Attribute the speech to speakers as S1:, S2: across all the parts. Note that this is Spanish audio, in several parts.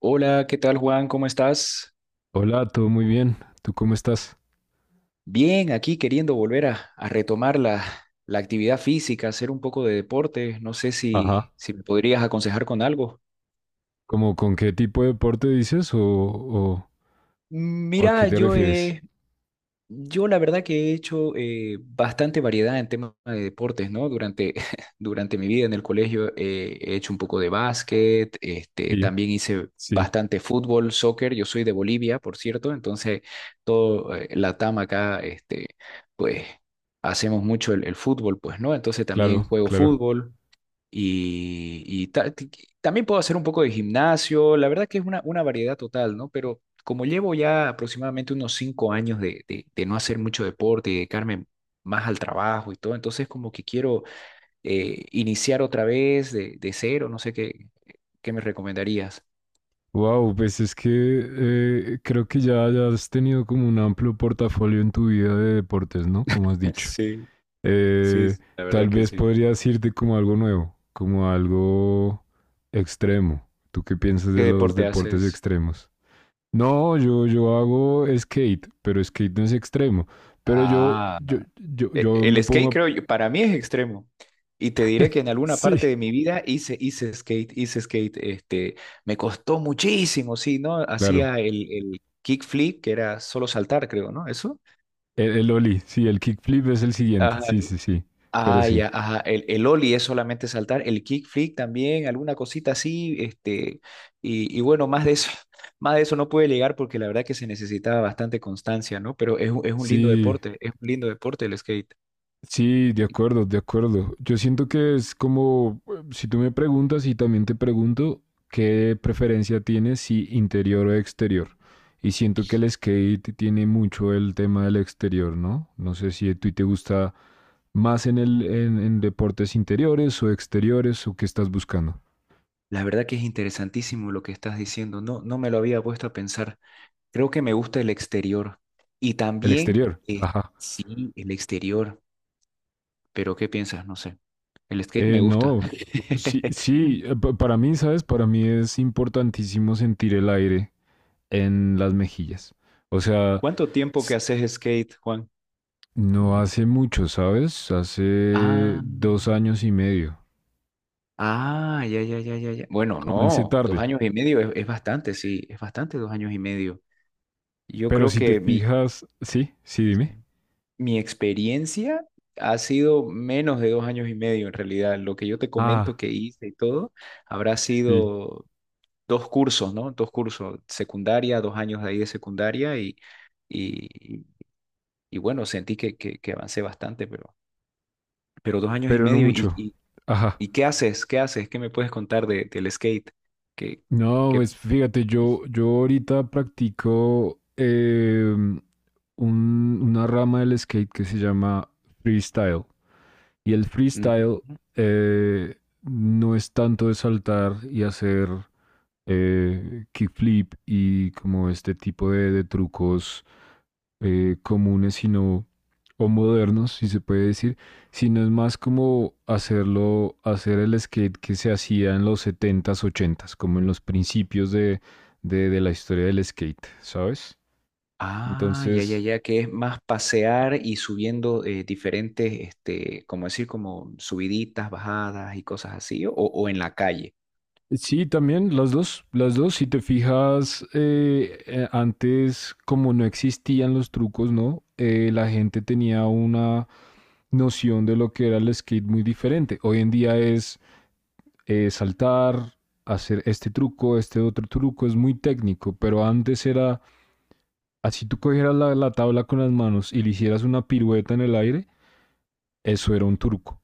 S1: Hola, ¿qué tal Juan? ¿Cómo estás?
S2: Hola, todo muy bien. ¿Tú cómo estás?
S1: Bien, aquí queriendo volver a retomar la actividad física, hacer un poco de deporte. No sé si,
S2: Ajá.
S1: si me podrías aconsejar con algo.
S2: ¿Cómo con qué tipo de deporte dices o a qué
S1: Mira,
S2: te
S1: yo
S2: refieres?
S1: he Yo la verdad que he hecho bastante variedad en temas de deportes, ¿no? Durante, durante mi vida en el colegio he hecho un poco de básquet, este,
S2: Sí,
S1: también hice
S2: sí.
S1: bastante fútbol, soccer. Yo soy de Bolivia, por cierto, entonces todo Latam acá, este, pues hacemos mucho el fútbol, pues, ¿no? Entonces también
S2: Claro,
S1: juego
S2: claro.
S1: fútbol, y también puedo hacer un poco de gimnasio, la verdad que es una variedad total, ¿no? Pero como llevo ya aproximadamente unos 5 años de no hacer mucho deporte y dedicarme más al trabajo y todo, entonces como que quiero iniciar otra vez de cero, no sé qué me recomendarías.
S2: Wow, pues es que creo que ya has tenido como un amplio portafolio en tu vida de deportes, ¿no? Como has dicho.
S1: Sí, sí,
S2: Eh,
S1: sí, la verdad
S2: Tal
S1: que
S2: vez
S1: sí.
S2: podrías irte como algo nuevo, como algo extremo. ¿Tú qué piensas
S1: ¿Qué
S2: de los
S1: deporte
S2: deportes
S1: haces?
S2: extremos? No, yo hago skate, pero skate no es extremo. Pero yo,
S1: Ah,
S2: yo, yo,
S1: E-
S2: yo me
S1: El
S2: pongo.
S1: skate, creo yo, para mí es extremo. Y te diré que en alguna parte
S2: Sí,
S1: de mi vida hice skate, hice skate. Este, me costó muchísimo, sí, ¿no?
S2: claro.
S1: Hacía el kickflip, que era solo saltar, creo, ¿no? Eso.
S2: El ollie, sí, el kickflip es el siguiente.
S1: Ajá.
S2: Sí, sí, sí. Pero
S1: Ah,
S2: sí.
S1: ya, ajá. El ollie es solamente saltar, el kickflip también, alguna cosita así, este, y bueno, más de eso, más de eso no pude llegar porque la verdad que se necesitaba bastante constancia, ¿no? Pero es un lindo
S2: Sí,
S1: deporte, es un lindo deporte el skate.
S2: sí, de acuerdo, de acuerdo. Yo siento que es como, si tú me preguntas y también te pregunto, ¿qué preferencia tienes si interior o exterior? Y siento que el skate tiene mucho el tema del exterior, ¿no? No sé si a ti te gusta más en deportes interiores o exteriores o qué estás buscando.
S1: La verdad que es interesantísimo lo que estás diciendo. No, no me lo había puesto a pensar. Creo que me gusta el exterior. Y
S2: El
S1: también,
S2: exterior,
S1: eh,
S2: ajá.
S1: sí, el exterior. Pero ¿qué piensas? No sé. El skate me gusta.
S2: No, sí, sí, para mí, ¿sabes? Para mí es importantísimo sentir el aire en las mejillas. O sea.
S1: ¿Cuánto tiempo que haces skate, Juan?
S2: No hace mucho, ¿sabes? Hace
S1: Ah,
S2: 2 años y medio.
S1: ah, ya, ya, ya, ya, ya. Bueno,
S2: Comencé
S1: no, dos
S2: tarde,
S1: años y medio es bastante, sí, es bastante 2 años y medio. Yo
S2: pero
S1: creo
S2: si te
S1: que mi.
S2: fijas, sí, sí,
S1: Sí.
S2: dime.
S1: Mi experiencia ha sido menos de 2 años y medio en realidad. Lo que yo te comento
S2: Ah,
S1: que hice y todo habrá
S2: sí,
S1: sido dos cursos, ¿no? Dos cursos, secundaria, 2 años de ahí de secundaria y, y bueno, sentí que avancé bastante, pero dos años y
S2: pero no
S1: medio. ¿Y,
S2: mucho.
S1: y,
S2: Ajá.
S1: y qué haces? ¿Qué haces? ¿Qué me puedes contar del skate? ¿Qué,
S2: No,
S1: qué?
S2: pues fíjate, yo ahorita practico una rama del skate que se llama freestyle. Y el freestyle eh, no es tanto de saltar y hacer kickflip y como este tipo de trucos comunes, sino, o modernos, si se puede decir, sino es más como hacerlo, hacer el skate que se hacía en los setentas ochentas como en los principios de la historia del skate, ¿sabes?
S1: Ah, ya, ya,
S2: Entonces,
S1: ya, que es más pasear y subiendo diferentes, este, como decir, como subiditas, bajadas y cosas así, o en la calle.
S2: sí, también las dos, si te fijas, antes como no existían los trucos, ¿no? La gente tenía una noción de lo que era el skate muy diferente. Hoy en día es saltar, hacer este truco, este otro truco, es muy técnico, pero antes era, así tú cogieras la tabla con las manos y le hicieras una pirueta en el aire, eso era un truco.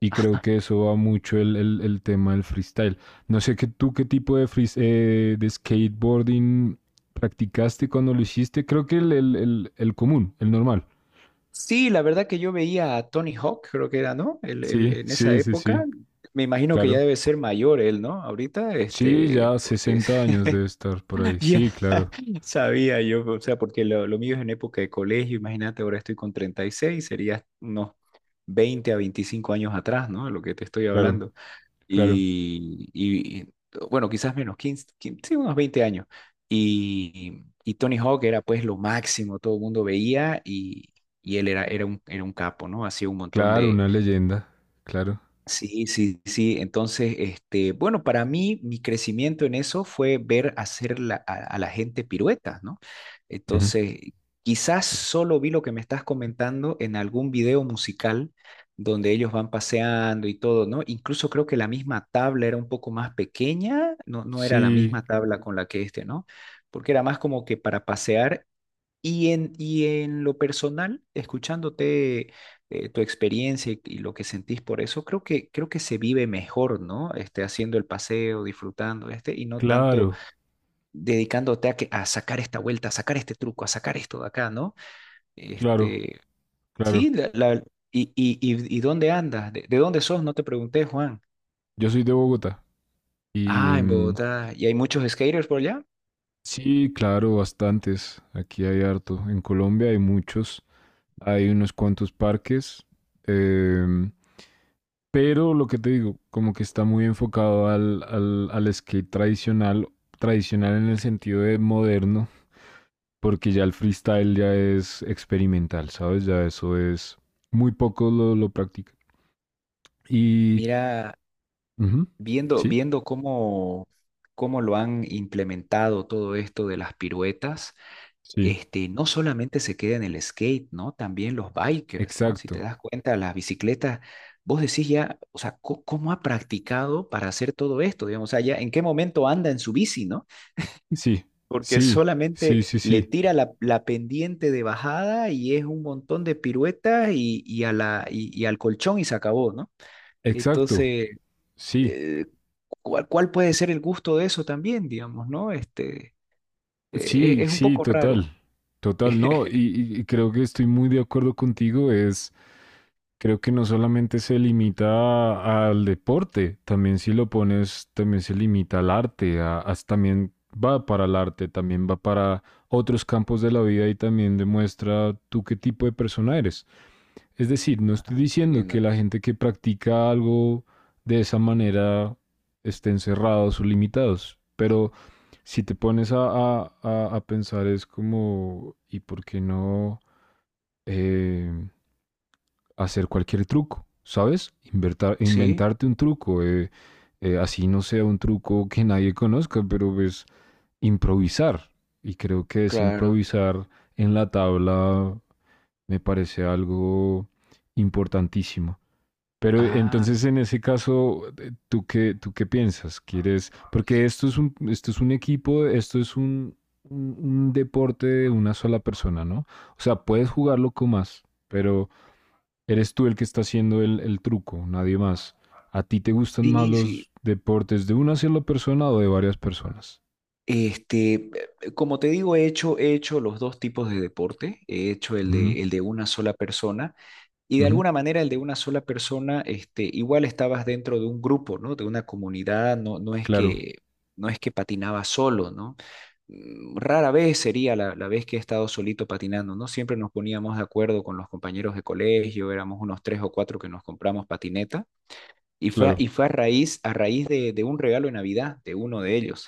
S2: Y creo que eso va mucho el tema del freestyle. No sé que tú qué tipo de, de skateboarding practicaste cuando lo hiciste. Creo que el común, el normal.
S1: Sí, la verdad que yo veía a Tony Hawk, creo que era, ¿no? El, el-
S2: Sí,
S1: en esa
S2: sí, sí, sí,
S1: época, me imagino que ya
S2: claro.
S1: debe ser mayor él, ¿no? Ahorita,
S2: Sí,
S1: este,
S2: ya
S1: porque
S2: 60 años debe estar por ahí.
S1: ya
S2: Sí, claro,
S1: sabía yo, o sea, porque lo mío es en época de colegio, imagínate, ahora estoy con 36, sería unos 20 a 25 años atrás, ¿no? Lo que te estoy
S2: claro,
S1: hablando.
S2: claro.
S1: y, y- bueno, quizás menos, 15 15, sí, unos 20 años. Y Tony Hawk era pues lo máximo, todo el mundo veía y él era un capo, ¿no? Hacía un montón
S2: Claro,
S1: de.
S2: una leyenda. Claro.
S1: Sí, sí, sí. Entonces, este, bueno, para mí mi crecimiento en eso fue ver hacer a la gente piruetas, ¿no?
S2: Ujú.
S1: Entonces, quizás solo vi lo que me estás comentando en algún video musical donde ellos van paseando y todo, ¿no? Incluso creo que la misma tabla era un poco más pequeña, no, no era la
S2: Sí,
S1: misma tabla con la que este, ¿no? Porque era más como que para pasear y en lo personal, escuchándote tu experiencia y lo que sentís por eso, creo que se vive mejor, ¿no? Este, haciendo el paseo, disfrutando, este, y no tanto
S2: claro,
S1: dedicándote a sacar esta vuelta, a sacar este truco, a sacar esto de acá, ¿no?
S2: claro,
S1: Este, sí,
S2: claro.
S1: ¿y dónde andas? ¿De dónde sos? No te pregunté, Juan.
S2: Yo soy de Bogotá y
S1: Ah, en Bogotá. ¿Y hay muchos skaters por allá?
S2: sí, claro, bastantes. Aquí hay harto. En Colombia hay muchos. Hay unos cuantos parques. em, pero lo que te digo, como que está muy enfocado al skate tradicional, tradicional en el sentido de moderno, porque ya el freestyle ya es experimental, ¿sabes? Ya eso es muy poco lo practican. Y
S1: Mira,
S2: ujú.
S1: Viendo,
S2: Sí,
S1: viendo cómo lo han implementado todo esto de las piruetas,
S2: sí,
S1: este, no solamente se queda en el skate, ¿no? También los bikers, ¿no? Si te
S2: exacto.
S1: das cuenta, las bicicletas, vos decís ya, o sea, ¿cómo, ha practicado para hacer todo esto? Digamos, o sea, ya, ¿en qué momento anda en su bici, ¿no?
S2: Sí,
S1: Porque
S2: sí, sí,
S1: solamente
S2: sí,
S1: le
S2: sí,
S1: tira la pendiente de bajada y es un montón de piruetas y al colchón y se acabó, ¿no?
S2: exacto.
S1: Entonces,
S2: Sí,
S1: eh, ¿cuál puede ser el gusto de eso también, digamos, ¿no? Este, es,
S2: sí,
S1: es un
S2: sí,
S1: poco raro.
S2: total. Total, no. Y, y- y creo que estoy muy de acuerdo contigo. Es, creo que no solamente se limita al deporte, también si lo pones, también se limita al arte. También va para el arte, también va para otros campos de la vida y también demuestra tú qué tipo de persona eres. Es decir, no estoy
S1: Ah, qué
S2: diciendo que
S1: lindo.
S2: la gente que practica algo de esa manera estén cerrados o limitados, pero si te pones a pensar es como, ¿y por qué no eh, hacer cualquier truco? ¿Sabes?
S1: Sí,
S2: Inventarte un truco, así no sea un truco que nadie conozca, pero es improvisar. Y creo que es
S1: claro.
S2: improvisar en la tabla me parece algo importantísimo. Pero
S1: Ah,
S2: entonces en ese caso, ¿tú qué piensas? ¿Quieres? Porque esto es un, equipo, esto es un, un deporte de una sola persona, ¿no? O sea, puedes jugarlo con más, pero eres tú el que está haciendo el truco, nadie más. ¿A ti te gustan más
S1: sí, sí.
S2: los deportes de una sola persona o de varias personas?
S1: Este, como te digo, he hecho los dos tipos de deporte. He hecho el
S2: Ujú,
S1: de, el de una sola persona. Y de
S2: ujú.
S1: alguna manera el de una sola persona, este, igual estabas dentro de un grupo, ¿no? De una comunidad, no, no es
S2: Claro,
S1: que, no es que patinabas solo, ¿no? Rara vez sería la vez que he estado solito patinando, ¿no? Siempre nos poníamos de acuerdo con los compañeros de colegio, éramos unos tres o cuatro que nos compramos patineta, y fue, a-
S2: claro.
S1: y fue a raíz de un regalo de Navidad de uno de ellos.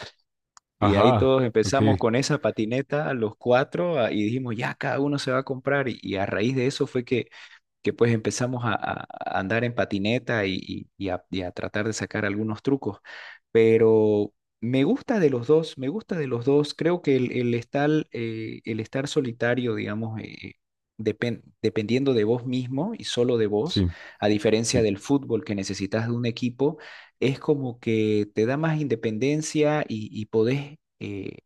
S1: Y ahí
S2: Ajá,
S1: todos
S2: ok,
S1: empezamos con esa patineta, los cuatro, y dijimos, ya, cada uno se va a comprar, y a raíz de eso fue que pues empezamos a andar en patineta y a tratar de sacar algunos trucos. Pero me gusta de los dos, me gusta de los dos. Creo que el estar solitario, digamos, dependiendo de vos mismo y solo de vos,
S2: sí,
S1: a diferencia
S2: sí,
S1: del fútbol que necesitas de un equipo, es como que te da más independencia y podés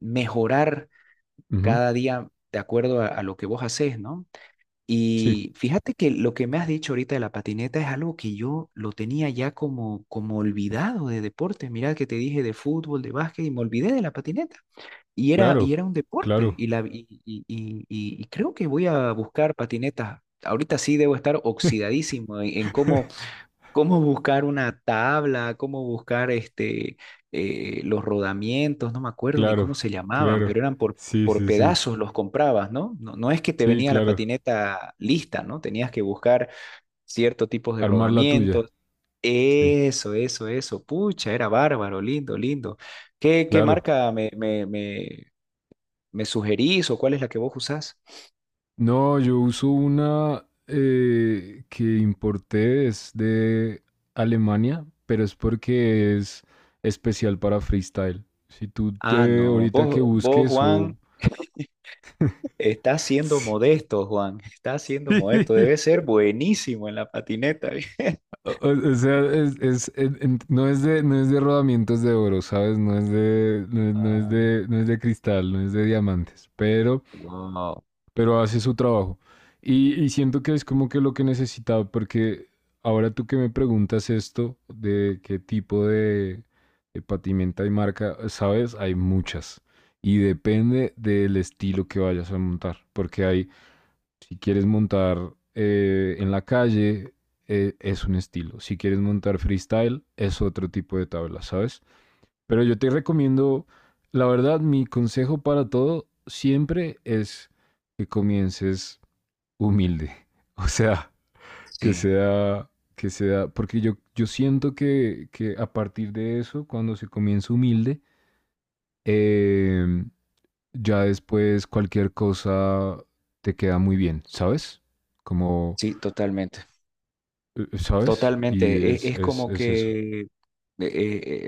S1: mejorar
S2: ujú,
S1: cada día de acuerdo a lo que vos haces, ¿no?
S2: sí,
S1: Y fíjate que lo que me has dicho ahorita de la patineta es algo que yo lo tenía ya como olvidado de deporte. Mira que te dije de fútbol, de básquet y me olvidé de la patineta. Y era, y
S2: claro,
S1: era un deporte.
S2: claro.
S1: Y, la, y creo que voy a buscar patinetas. Ahorita sí debo estar oxidadísimo en cómo, cómo buscar una tabla, cómo buscar este, los rodamientos, no me acuerdo ni
S2: Claro,
S1: cómo se llamaban,
S2: claro.
S1: pero eran por,
S2: Sí,
S1: por
S2: sí, sí.
S1: pedazos los comprabas, ¿no? No, no es que te
S2: Sí,
S1: venía la
S2: claro.
S1: patineta lista, ¿no? Tenías que buscar ciertos tipos de
S2: Armar la tuya.
S1: rodamientos.
S2: Sí,
S1: Eso, eso, eso. Pucha, era bárbaro, lindo, lindo. ¿Qué
S2: claro.
S1: marca me sugerís o cuál es la que vos usás?
S2: No, yo uso una que importé, es de Alemania, pero es porque es especial para freestyle. Si tú
S1: Ah,
S2: te
S1: no.
S2: ahorita que
S1: Vos,
S2: busques
S1: Juan,
S2: o.
S1: está siendo modesto, Juan. Está siendo modesto.
S2: Sí.
S1: Debe ser buenísimo en la patineta.
S2: O sea, no es de, rodamientos de oro, ¿sabes? No,
S1: Ah,
S2: no es de cristal, no es de diamantes, pero
S1: wow.
S2: hace su trabajo. Y siento que es como que lo que necesitaba, porque ahora tú que me preguntas esto, de qué tipo de patimenta y marca, sabes, hay muchas. Y depende del estilo que vayas a montar, si quieres montar en la calle, es un estilo. Si quieres montar freestyle, es otro tipo de tabla, ¿sabes? Pero yo te recomiendo, la verdad, mi consejo para todo siempre es que comiences humilde. O sea, que
S1: Sí,
S2: sea, que sea, porque yo siento que a partir de eso, cuando se comienza humilde, eh, ya después cualquier cosa te queda muy bien, ¿sabes? Como,
S1: sí, totalmente.
S2: ¿sabes? Y
S1: Totalmente, es
S2: es,
S1: es,
S2: es,
S1: como
S2: es eso.
S1: que eh,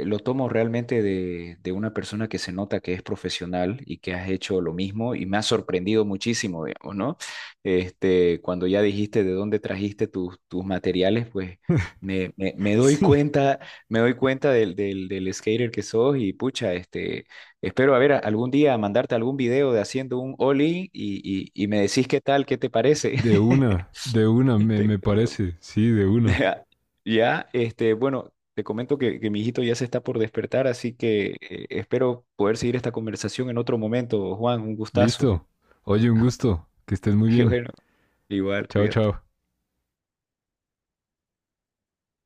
S1: eh, lo tomo realmente de una persona que se nota que es profesional y que has hecho lo mismo y me ha sorprendido muchísimo, digamos, ¿no? Este, cuando ya dijiste de dónde trajiste tus materiales, pues me, me- me doy
S2: Sí.
S1: cuenta, me doy cuenta del skater que sos y pucha, este, espero a ver algún día mandarte algún video de haciendo un ollie y me decís qué tal, qué te parece.
S2: De una, me,
S1: Este,
S2: me parece, sí, de una.
S1: Ya, ya, este, bueno, te comento que mi hijito ya se está por despertar, así que espero poder seguir esta conversación en otro momento. Juan, un gustazo.
S2: Listo. Oye, un gusto. Que estés muy
S1: Y
S2: bien.
S1: bueno, igual,
S2: Chao,
S1: cuídate.
S2: chao.